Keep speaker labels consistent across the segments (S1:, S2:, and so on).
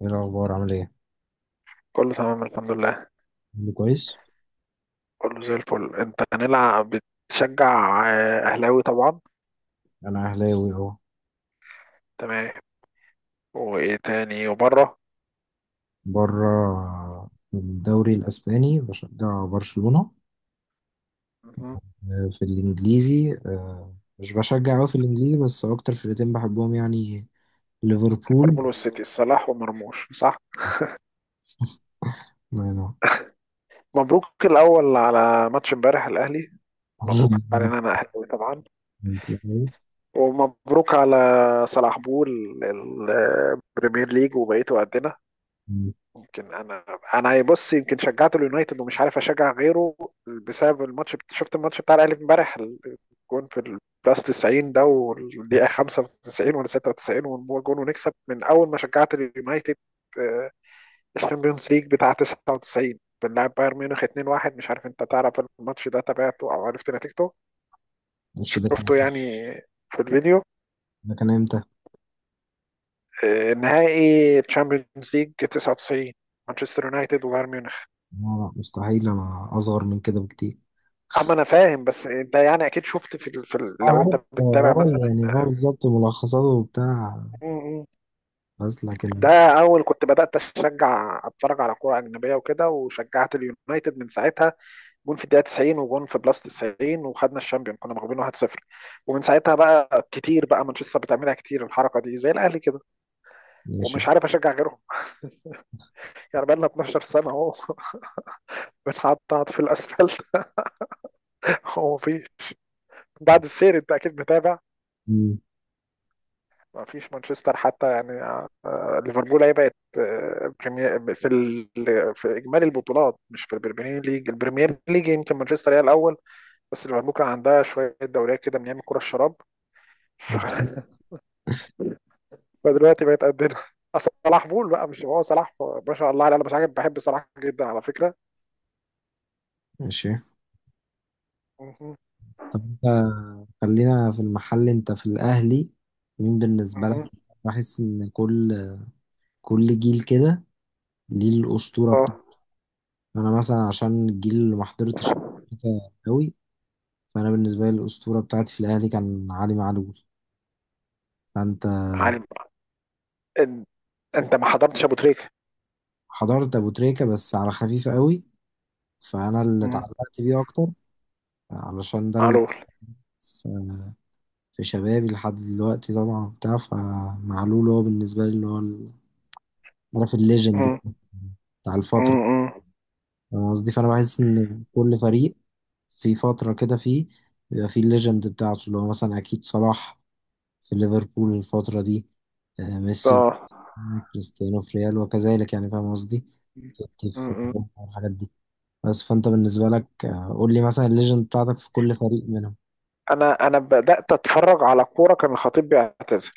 S1: ايه الاخبار؟ عامل ايه؟
S2: كله تمام الحمد لله.
S1: كله كويس.
S2: كله زي الفل. انت هنلعب؟ بتشجع اهلاوي طبعا.
S1: انا اهلاوي اهو.
S2: تمام. وايه تاني وبره؟
S1: بره في الدوري الاسباني بشجع برشلونة.
S2: مهم.
S1: في الانجليزي مش بشجع قوي في الانجليزي، بس اكتر فرقتين بحبهم يعني ليفربول.
S2: ليفربول والسيتي، صلاح ومرموش صح؟
S1: ما أنا-
S2: مبروك الاول على ماتش امبارح الاهلي. مبروك علينا، انا اهلاوي طبعا. ومبروك على صلاح بول ال- البريمير ليج وبقيته قدنا. يمكن انا بص، يمكن شجعت اليونايتد ومش عارف اشجع غيره بسبب الماتش. شفت الماتش بتاع الاهلي امبارح، الجون في البلاس 90 ده والدقيقه 95 ولا 96 ونجيب جون ونكسب. من اول ما شجعت اليونايتد، آه، الشامبيونز ليج بتاع 99، بنلعب بايرن ميونخ 2-1. مش عارف انت تعرف الماتش ده، تابعته او عرفت نتيجته؟
S1: مش ده كان.
S2: شفته يعني في الفيديو؟
S1: ده كان امتى؟
S2: نهائي تشامبيونز ليج 99، مانشستر يونايتد وبايرن ميونخ.
S1: لا لا، مستحيل، انا اصغر من كده بكتير.
S2: اما انا فاهم، بس انت يعني اكيد شفت
S1: اه
S2: لو انت
S1: عارف اه.
S2: بتتابع مثلا.
S1: يعني اه بالظبط، ملخصاته وبتاع.
S2: م- م.
S1: بس لكن
S2: ده اول كنت بدات اشجع اتفرج على كوره اجنبيه وكده، وشجعت اليونايتد من ساعتها. جون في الدقيقه 90، وجون في بلس 90، وخدنا الشامبيون، كنا مغلوبين 1-0. ومن ساعتها بقى كتير بقى، مانشستر بتعملها كتير الحركه دي زي الاهلي كده،
S1: ماشي.
S2: ومش عارف اشجع غيرهم. يعني بقى لنا 12 سنه اهو. بنحطط في الاسفلت. هو في بعد السير انت اكيد متابع،
S1: مم.
S2: ما فيش مانشستر حتى يعني. ليفربول هي بقت بريمير في اجمالي البطولات، مش في البريمير ليج. البريمير ليج يمكن مانشستر هي الاول، بس ليفربول كان عندها شويه دوريات كده من ايام الكره الشراب. ف- فدلوقتي بقت قدنا. أصل صلاح بول بقى، مش هو صلاح، ما شاء الله عليه. انا بس حاجه بحب صلاح جدا على فكره.
S1: ماشي.
S2: مهم.
S1: طب انت، خلينا في المحل، انت في الاهلي مين بالنسبه لك؟
S2: مهم.
S1: بحس ان كل جيل كده ليه الاسطوره
S2: اه،
S1: بتاعته. انا مثلا عشان الجيل اللي ما حضرتش أمريكا قوي، فانا بالنسبه لي الاسطوره بتاعتي في الاهلي كان علي معلول. فانت
S2: عالم. إن- انت ما حضرتش ابو تريكه.
S1: حضرت ابو تريكه بس على خفيف قوي، فانا اللي
S2: مهم.
S1: اتعلقت بيه اكتر علشان ده اللي
S2: معلول.
S1: في في شبابي لحد دلوقتي طبعا بتاع، فمعلول هو بالنسبه لي اللي هو عارف، الليجند
S2: مهم.
S1: بتاع الفتره.
S2: مهم.
S1: فاهم قصدي؟ فانا بحس ان كل فريق في فترة كده فيه، بيبقى فيه الليجند بتاعته اللي هو مثلا اكيد صلاح في ليفربول الفترة دي. ميسي،
S2: اه.
S1: كريستيانو في ريال، وكذلك يعني، فاهم قصدي، توتي في برشلونة والحاجات دي. بس فانت بالنسبة لك، قول لي مثلا الليجند بتاعتك في كل فريق منهم.
S2: انا بدات اتفرج على كوره كان الخطيب بيعتزل،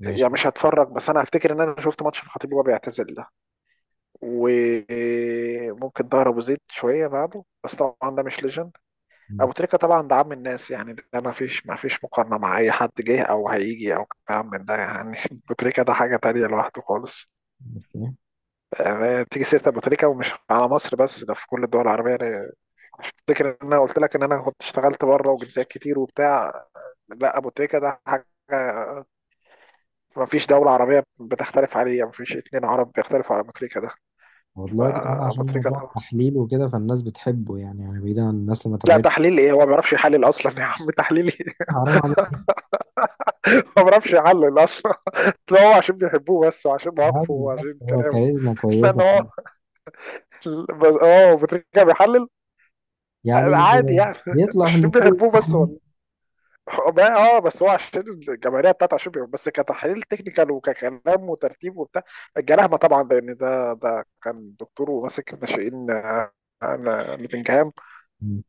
S1: ماشي.
S2: يعني مش هتفرج. بس انا هفتكر ان انا شفت ماتش الخطيب وهو بيعتزل ده، وممكن ظهر ابو زيد شويه بعده، بس طبعا ده مش ليجند. ابو تريكه طبعا ده عم الناس يعني، ده ما فيش مقارنه مع اي حد جه او هيجي او كلام من ده يعني. ابو تريكه ده حاجه تانية لوحده خالص.
S1: أوكي.
S2: يعني تيجي سيره ابو تريكه، ومش على مصر بس، ده في كل الدول العربيه. أنا افتكر ان انا قلت لك ان انا كنت اشتغلت بره وجنسيات كتير وبتاع. لا، ابو تريكه ده حاجه، ما فيش دولة عربية بتختلف عليه، ما فيش اتنين عرب بيختلفوا على أبو تريكة ده.
S1: هو دلوقتي كمان
S2: فأبو
S1: عشان
S2: تريكة ده،
S1: موضوع التحليل وكده، فالناس بتحبه يعني، يعني بعيدا عن الناس اللي ما
S2: لا
S1: تابعتش.
S2: تحليل ايه، هو ما بيعرفش يحلل اصلا يا عم، تحليل ايه.
S1: حرام عليك.
S2: هو ما بيعرفش يحلل اصلا. لا، هو عشان بيحبوه بس، وعشان مواقفه
S1: عادي،
S2: وعشان
S1: هو
S2: كلامه.
S1: كاريزما
S2: لان
S1: كويسة
S2: هو، بس اه أبو تريكة بيحلل
S1: يعني،
S2: عادي يعني.
S1: بيطلع في
S2: عشان
S1: الاستوديو
S2: بيحبوه بس
S1: أحلى.
S2: والله. ما- اه بس هو عشان الجماهيريه بتاعته، عشان بيحبوه بس، كتحليل تكنيكال وككلام وترتيب وبتاع الجلاهمه طبعا. لان ده كان دكتور وماسك الناشئين، نوتنجهام.
S1: مم.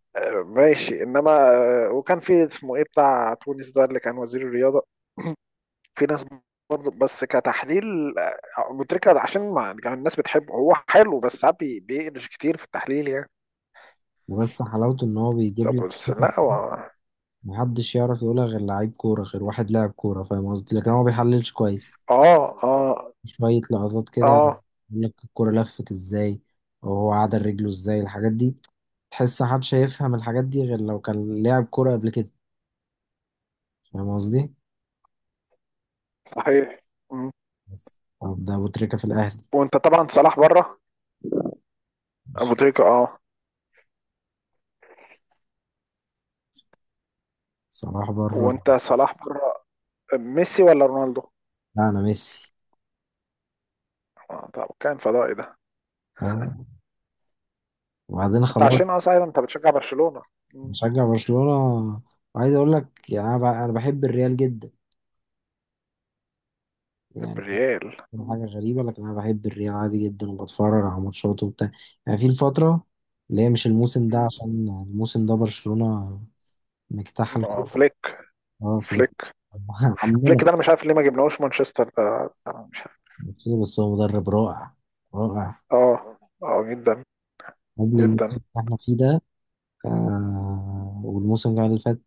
S2: ماشي، انما وكان في اسمه ايه بتاع تونس ده اللي كان وزير الرياضه. في ناس برضه، بس كتحليل، متركه، عشان ما يعني الناس بتحبه، هو حلو بس ساعات بيقلش كتير في التحليل يعني.
S1: بس حلاوته ان هو بيجيب
S2: طب
S1: لك
S2: بس لا هو.
S1: محدش يعرف يقولها، غير لعيب كوره، غير واحد لاعب كوره، فاهم قصدي؟ لكن هو ما بيحللش كويس.
S2: اه، اه،
S1: شويه لقطات كده يقول
S2: اه،
S1: لك الكوره لفت ازاي، وهو عدل رجله ازاي، الحاجات دي. تحس محدش هيفهم الحاجات دي غير لو كان لاعب كوره قبل كده. فاهم قصدي؟
S2: صحيح. مم.
S1: بس طب ده ابو تريكه في الاهلي.
S2: وانت طبعا صلاح بره. ابو
S1: ماشي،
S2: تريكه، اه.
S1: صلاح بره.
S2: وانت صلاح بره. ميسي ولا رونالدو؟
S1: لا، انا ميسي.
S2: آه، طب كان فضائي ده.
S1: آه. وبعدين
S2: انت
S1: خلاص.
S2: عشان اصلا انت بتشجع برشلونه. مم.
S1: مشجع برشلونة، وعايز اقول لك يعني، انا بحب الريال جدا يعني.
S2: الريال. مم.
S1: حاجة غريبة لكن انا بحب الريال عادي جدا، وبتفرج على ماتشاته وبتاع يعني، في الفترة اللي هي مش الموسم ده،
S2: مم.
S1: عشان الموسم ده برشلونة مجتاح
S2: ما
S1: الكورة.
S2: فليك.
S1: اه فليك.
S2: فليك.
S1: عمنا.
S2: فليك ده انا مش عارف ليه ما جبناهوش مانشستر ده، أنا مش عارف.
S1: بس هو مدرب رائع، رائع
S2: اه، اه جدا،
S1: قبل الموسم
S2: جدا.
S1: اللي احنا فيه ده. آه، والموسم اللي فات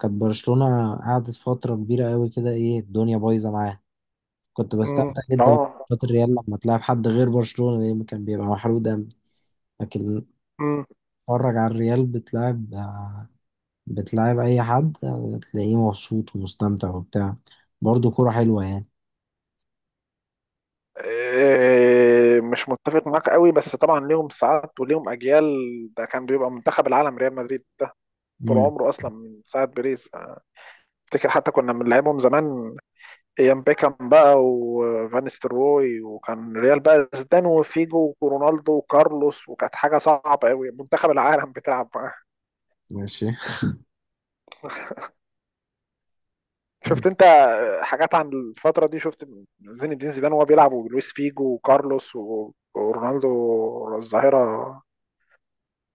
S1: كانت برشلونة قعدت فترة كبيرة قوي كده، ايه الدنيا بايظة معاها. كنت
S2: امم
S1: بستمتع جدا
S2: اه.
S1: بماتشات الريال لما تلعب حد غير برشلونة، لأن كان بيبقى محروق دم. لكن
S2: امم
S1: اتفرج على الريال بتلعب، بتلعب أي حد، تلاقيه مبسوط ومستمتع وبتاع. برضه كورة حلوة يعني.
S2: إيه، مش متفق معاك قوي، بس طبعا ليهم ساعات وليهم اجيال. ده كان بيبقى منتخب العالم ريال مدريد ده، طول
S1: مم.
S2: عمره اصلا من ساعه بيريز. أنا افتكر حتى كنا بنلعبهم زمان، ايام بيكام بقى وفان ستروي، وكان ريال بقى زيدان وفيجو ورونالدو وكارلوس، وكانت حاجه صعبه قوي، منتخب العالم بتلعب.
S1: ماشي.
S2: شفت انت حاجات عن الفترة دي؟ شفت زين الدين زيدان وهو بيلعب، ولويس فيجو، وكارلوس، ورونالدو الظاهرة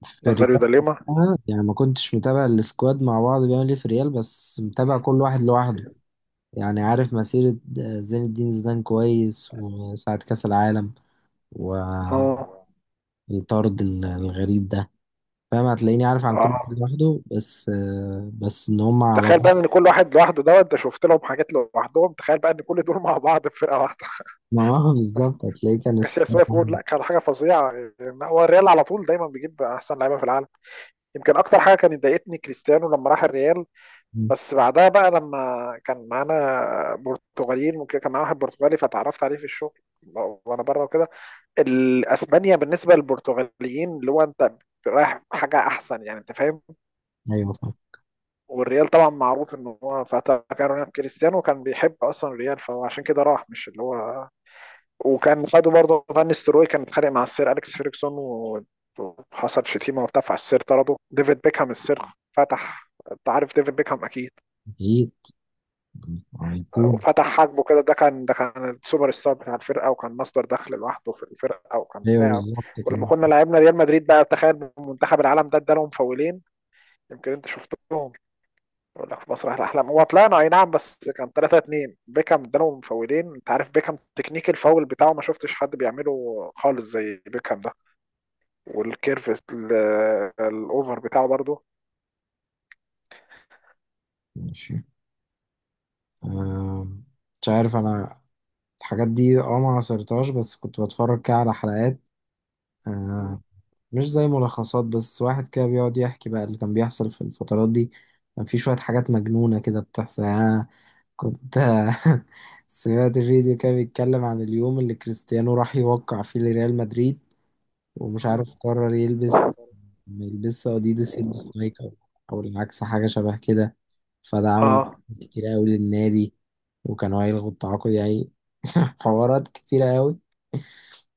S1: في الريال
S2: نازاريو دا ليما.
S1: وقتها، يعني ما كنتش متابع السكواد مع بعض بيعمل ايه في الريال، بس متابع كل واحد لوحده يعني. عارف مسيرة زين الدين زيدان كويس، وساعة كأس العالم
S2: اه،
S1: والطرد الغريب ده. فاهم، هتلاقيني عارف عن كل واحد
S2: اه.
S1: لوحده، بس بس ان هم على
S2: تخيل بقى
S1: بعض.
S2: ان كل واحد لوحده دوت، ده شفت لهم حاجات لوحدهم، تخيل بقى ان كل دول مع بعض في فرقة واحدة.
S1: ما هو بالظبط، هتلاقيه كان
S2: كاسياس
S1: سكواد
S2: واقف يقول
S1: واحد.
S2: لا، كان حاجة فظيعة. يعني هو الريال على طول دايما بيجيب احسن لعيبة في العالم. يمكن اكتر حاجة كانت ضايقتني كريستيانو لما راح الريال.
S1: مم.
S2: بس بعدها بقى لما كان معانا برتغاليين وكده، كان معانا واحد برتغالي فتعرفت عليه في الشغل وانا بره وكده. الاسبانيا بالنسبه للبرتغاليين اللي هو انت رايح حاجه احسن يعني، انت فاهم.
S1: ايوه فاهم.
S2: والريال طبعا معروف ان هو فتى، كان رونالدو كريستيانو كان بيحب اصلا الريال، فهو عشان كده راح، مش اللي هو. وكان خده برضه، فان ستروي كان اتخانق مع السير اليكس فيرجسون وحصل شتيمه وبتاع، فالسير طرده ديفيد بيكهام السير. فتح، انت عارف ديفيد بيكهام اكيد،
S1: اكيد. هيكون.
S2: وفتح حاجبه كده. ده كان السوبر ستار بتاع الفرقه، وكان مصدر دخل لوحده في الفرقه، وكان
S1: ايوه
S2: بتاعه.
S1: بالظبط
S2: ولما
S1: كان.
S2: كنا لعبنا ريال مدريد بقى، تخيل منتخب العالم ده ادالهم فاولين. يمكن انت شفتهم، يقول لك في مسرح الاحلام، هو طلعنا اي نعم بس كان 3 2، بيكام ادالهم فاولين. انت عارف بيكام تكنيك الفاول بتاعه ما شفتش حد بيعمله خالص زي بيكام ده، والكيرف الاوفر بتاعه برضه.
S1: ماشي. آه، مش عارف انا الحاجات دي اه ما عصرتهاش، بس كنت بتفرج كده على حلقات. آه،
S2: مم.
S1: مش زي ملخصات، بس واحد كده بيقعد يحكي بقى اللي كان بيحصل في الفترات دي. كان في شوية حاجات مجنونة كده بتحصل يعني. أنا كنت سمعت فيديو كده بيتكلم عن اليوم اللي كريستيانو راح يوقع فيه لريال مدريد، ومش
S2: مم.
S1: عارف قرر يلبس ما يلبسش أديداس، يلبس نايك أو أو العكس، حاجة شبه كده. فده عامل
S2: اه.
S1: مشاكل كتير أوي للنادي، وكانوا هيلغوا التعاقد يعني. حوارات كتيرة أوي.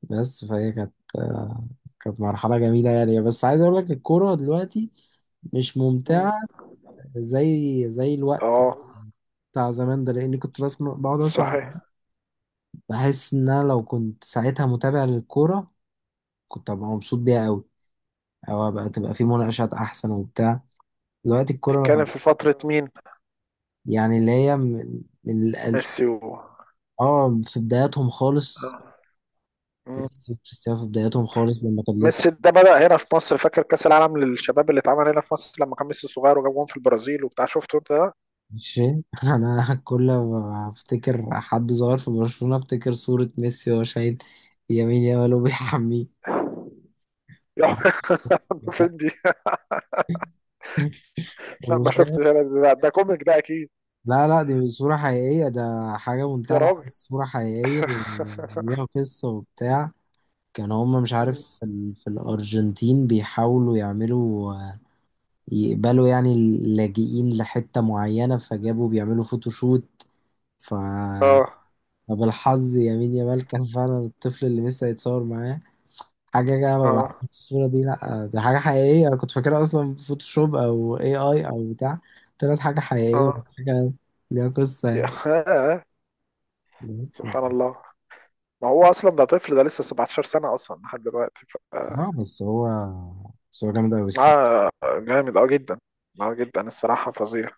S1: بس فهي كانت كانت مرحلة جميلة يعني. بس عايز أقول لك الكورة دلوقتي مش
S2: مم.
S1: ممتعة زي الوقت
S2: اه،
S1: بتاع زمان ده، لأني كنت بسمع، بقعد أسمع،
S2: صحيح.
S1: بحس إن أنا لو كنت ساعتها متابع للكورة كنت أبقى مبسوط بيها أوي، أو أبقى تبقى في مناقشات أحسن وبتاع. دلوقتي
S2: تتكلم
S1: الكورة
S2: في فترة مين؟
S1: يعني اللي هي من
S2: ميسي و...
S1: آه في بداياتهم خالص.
S2: آه. مم.
S1: ميسي وكريستيانو في بداياتهم خالص لما كان لسه
S2: ميسي ده بدأ هنا في مصر، فاكر كأس العالم للشباب اللي اتعمل هنا في مصر لما كان ميسي صغير وجاب جون في البرازيل وبتاع، شفته انت ده؟
S1: مش فاهم. انا كل ما افتكر حد صغير في برشلونة افتكر صورة ميسي وهو شايل يمين يامال وبيحميه.
S2: يا. فين دي؟ لا ما
S1: مش
S2: شفتش
S1: كده؟
S2: انا ده, كوميك ده اكيد.
S1: لا لا، دي صورة حقيقية ده، حاجة
S2: يا
S1: منتهى
S2: راجل.
S1: العبث، صورة حقيقية وليها قصة وبتاع. كان هما مش
S2: مم.
S1: عارف في الأرجنتين بيحاولوا يعملوا يقبلوا يعني اللاجئين لحتة معينة، فجابوا بيعملوا فوتوشوت ف
S2: اه،
S1: طب الحظ يا مين يا مال كان فعلا الطفل اللي لسه هيتصور معاه حاجة جاية. ببعت
S2: اه،
S1: الصورة دي، لأ دي حاجة حقيقية. أنا كنت فاكرها أصلا فوتوشوب أو اي اي أو بتاع، طلعت حاجة حقيقية
S2: اه.
S1: وحاجة ليها قصة
S2: يا.
S1: يعني.
S2: آه.
S1: بس
S2: سبحان الله، ما هو اصلا ده طفل، ده لسه 17 سنة اصلا لحد دلوقتي ف... آه.
S1: اه بس هو جامد أوي الصراحة.
S2: آه، جامد اه جدا، اه جدا الصراحة، فظيع.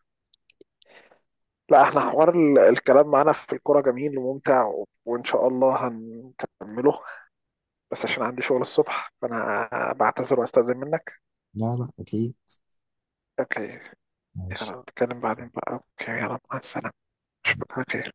S2: لا احنا حوار الكلام معانا في الكوره جميل وممتع وان شاء الله هنكمله، بس عشان عندي شغل الصبح فانا بعتذر واستأذن منك.
S1: لا لا، أكيد.
S2: اوكي.
S1: ماشي
S2: يلا نتكلم بعدين بقى. اوكي. يلا مع السلامة. اشوفك على خير.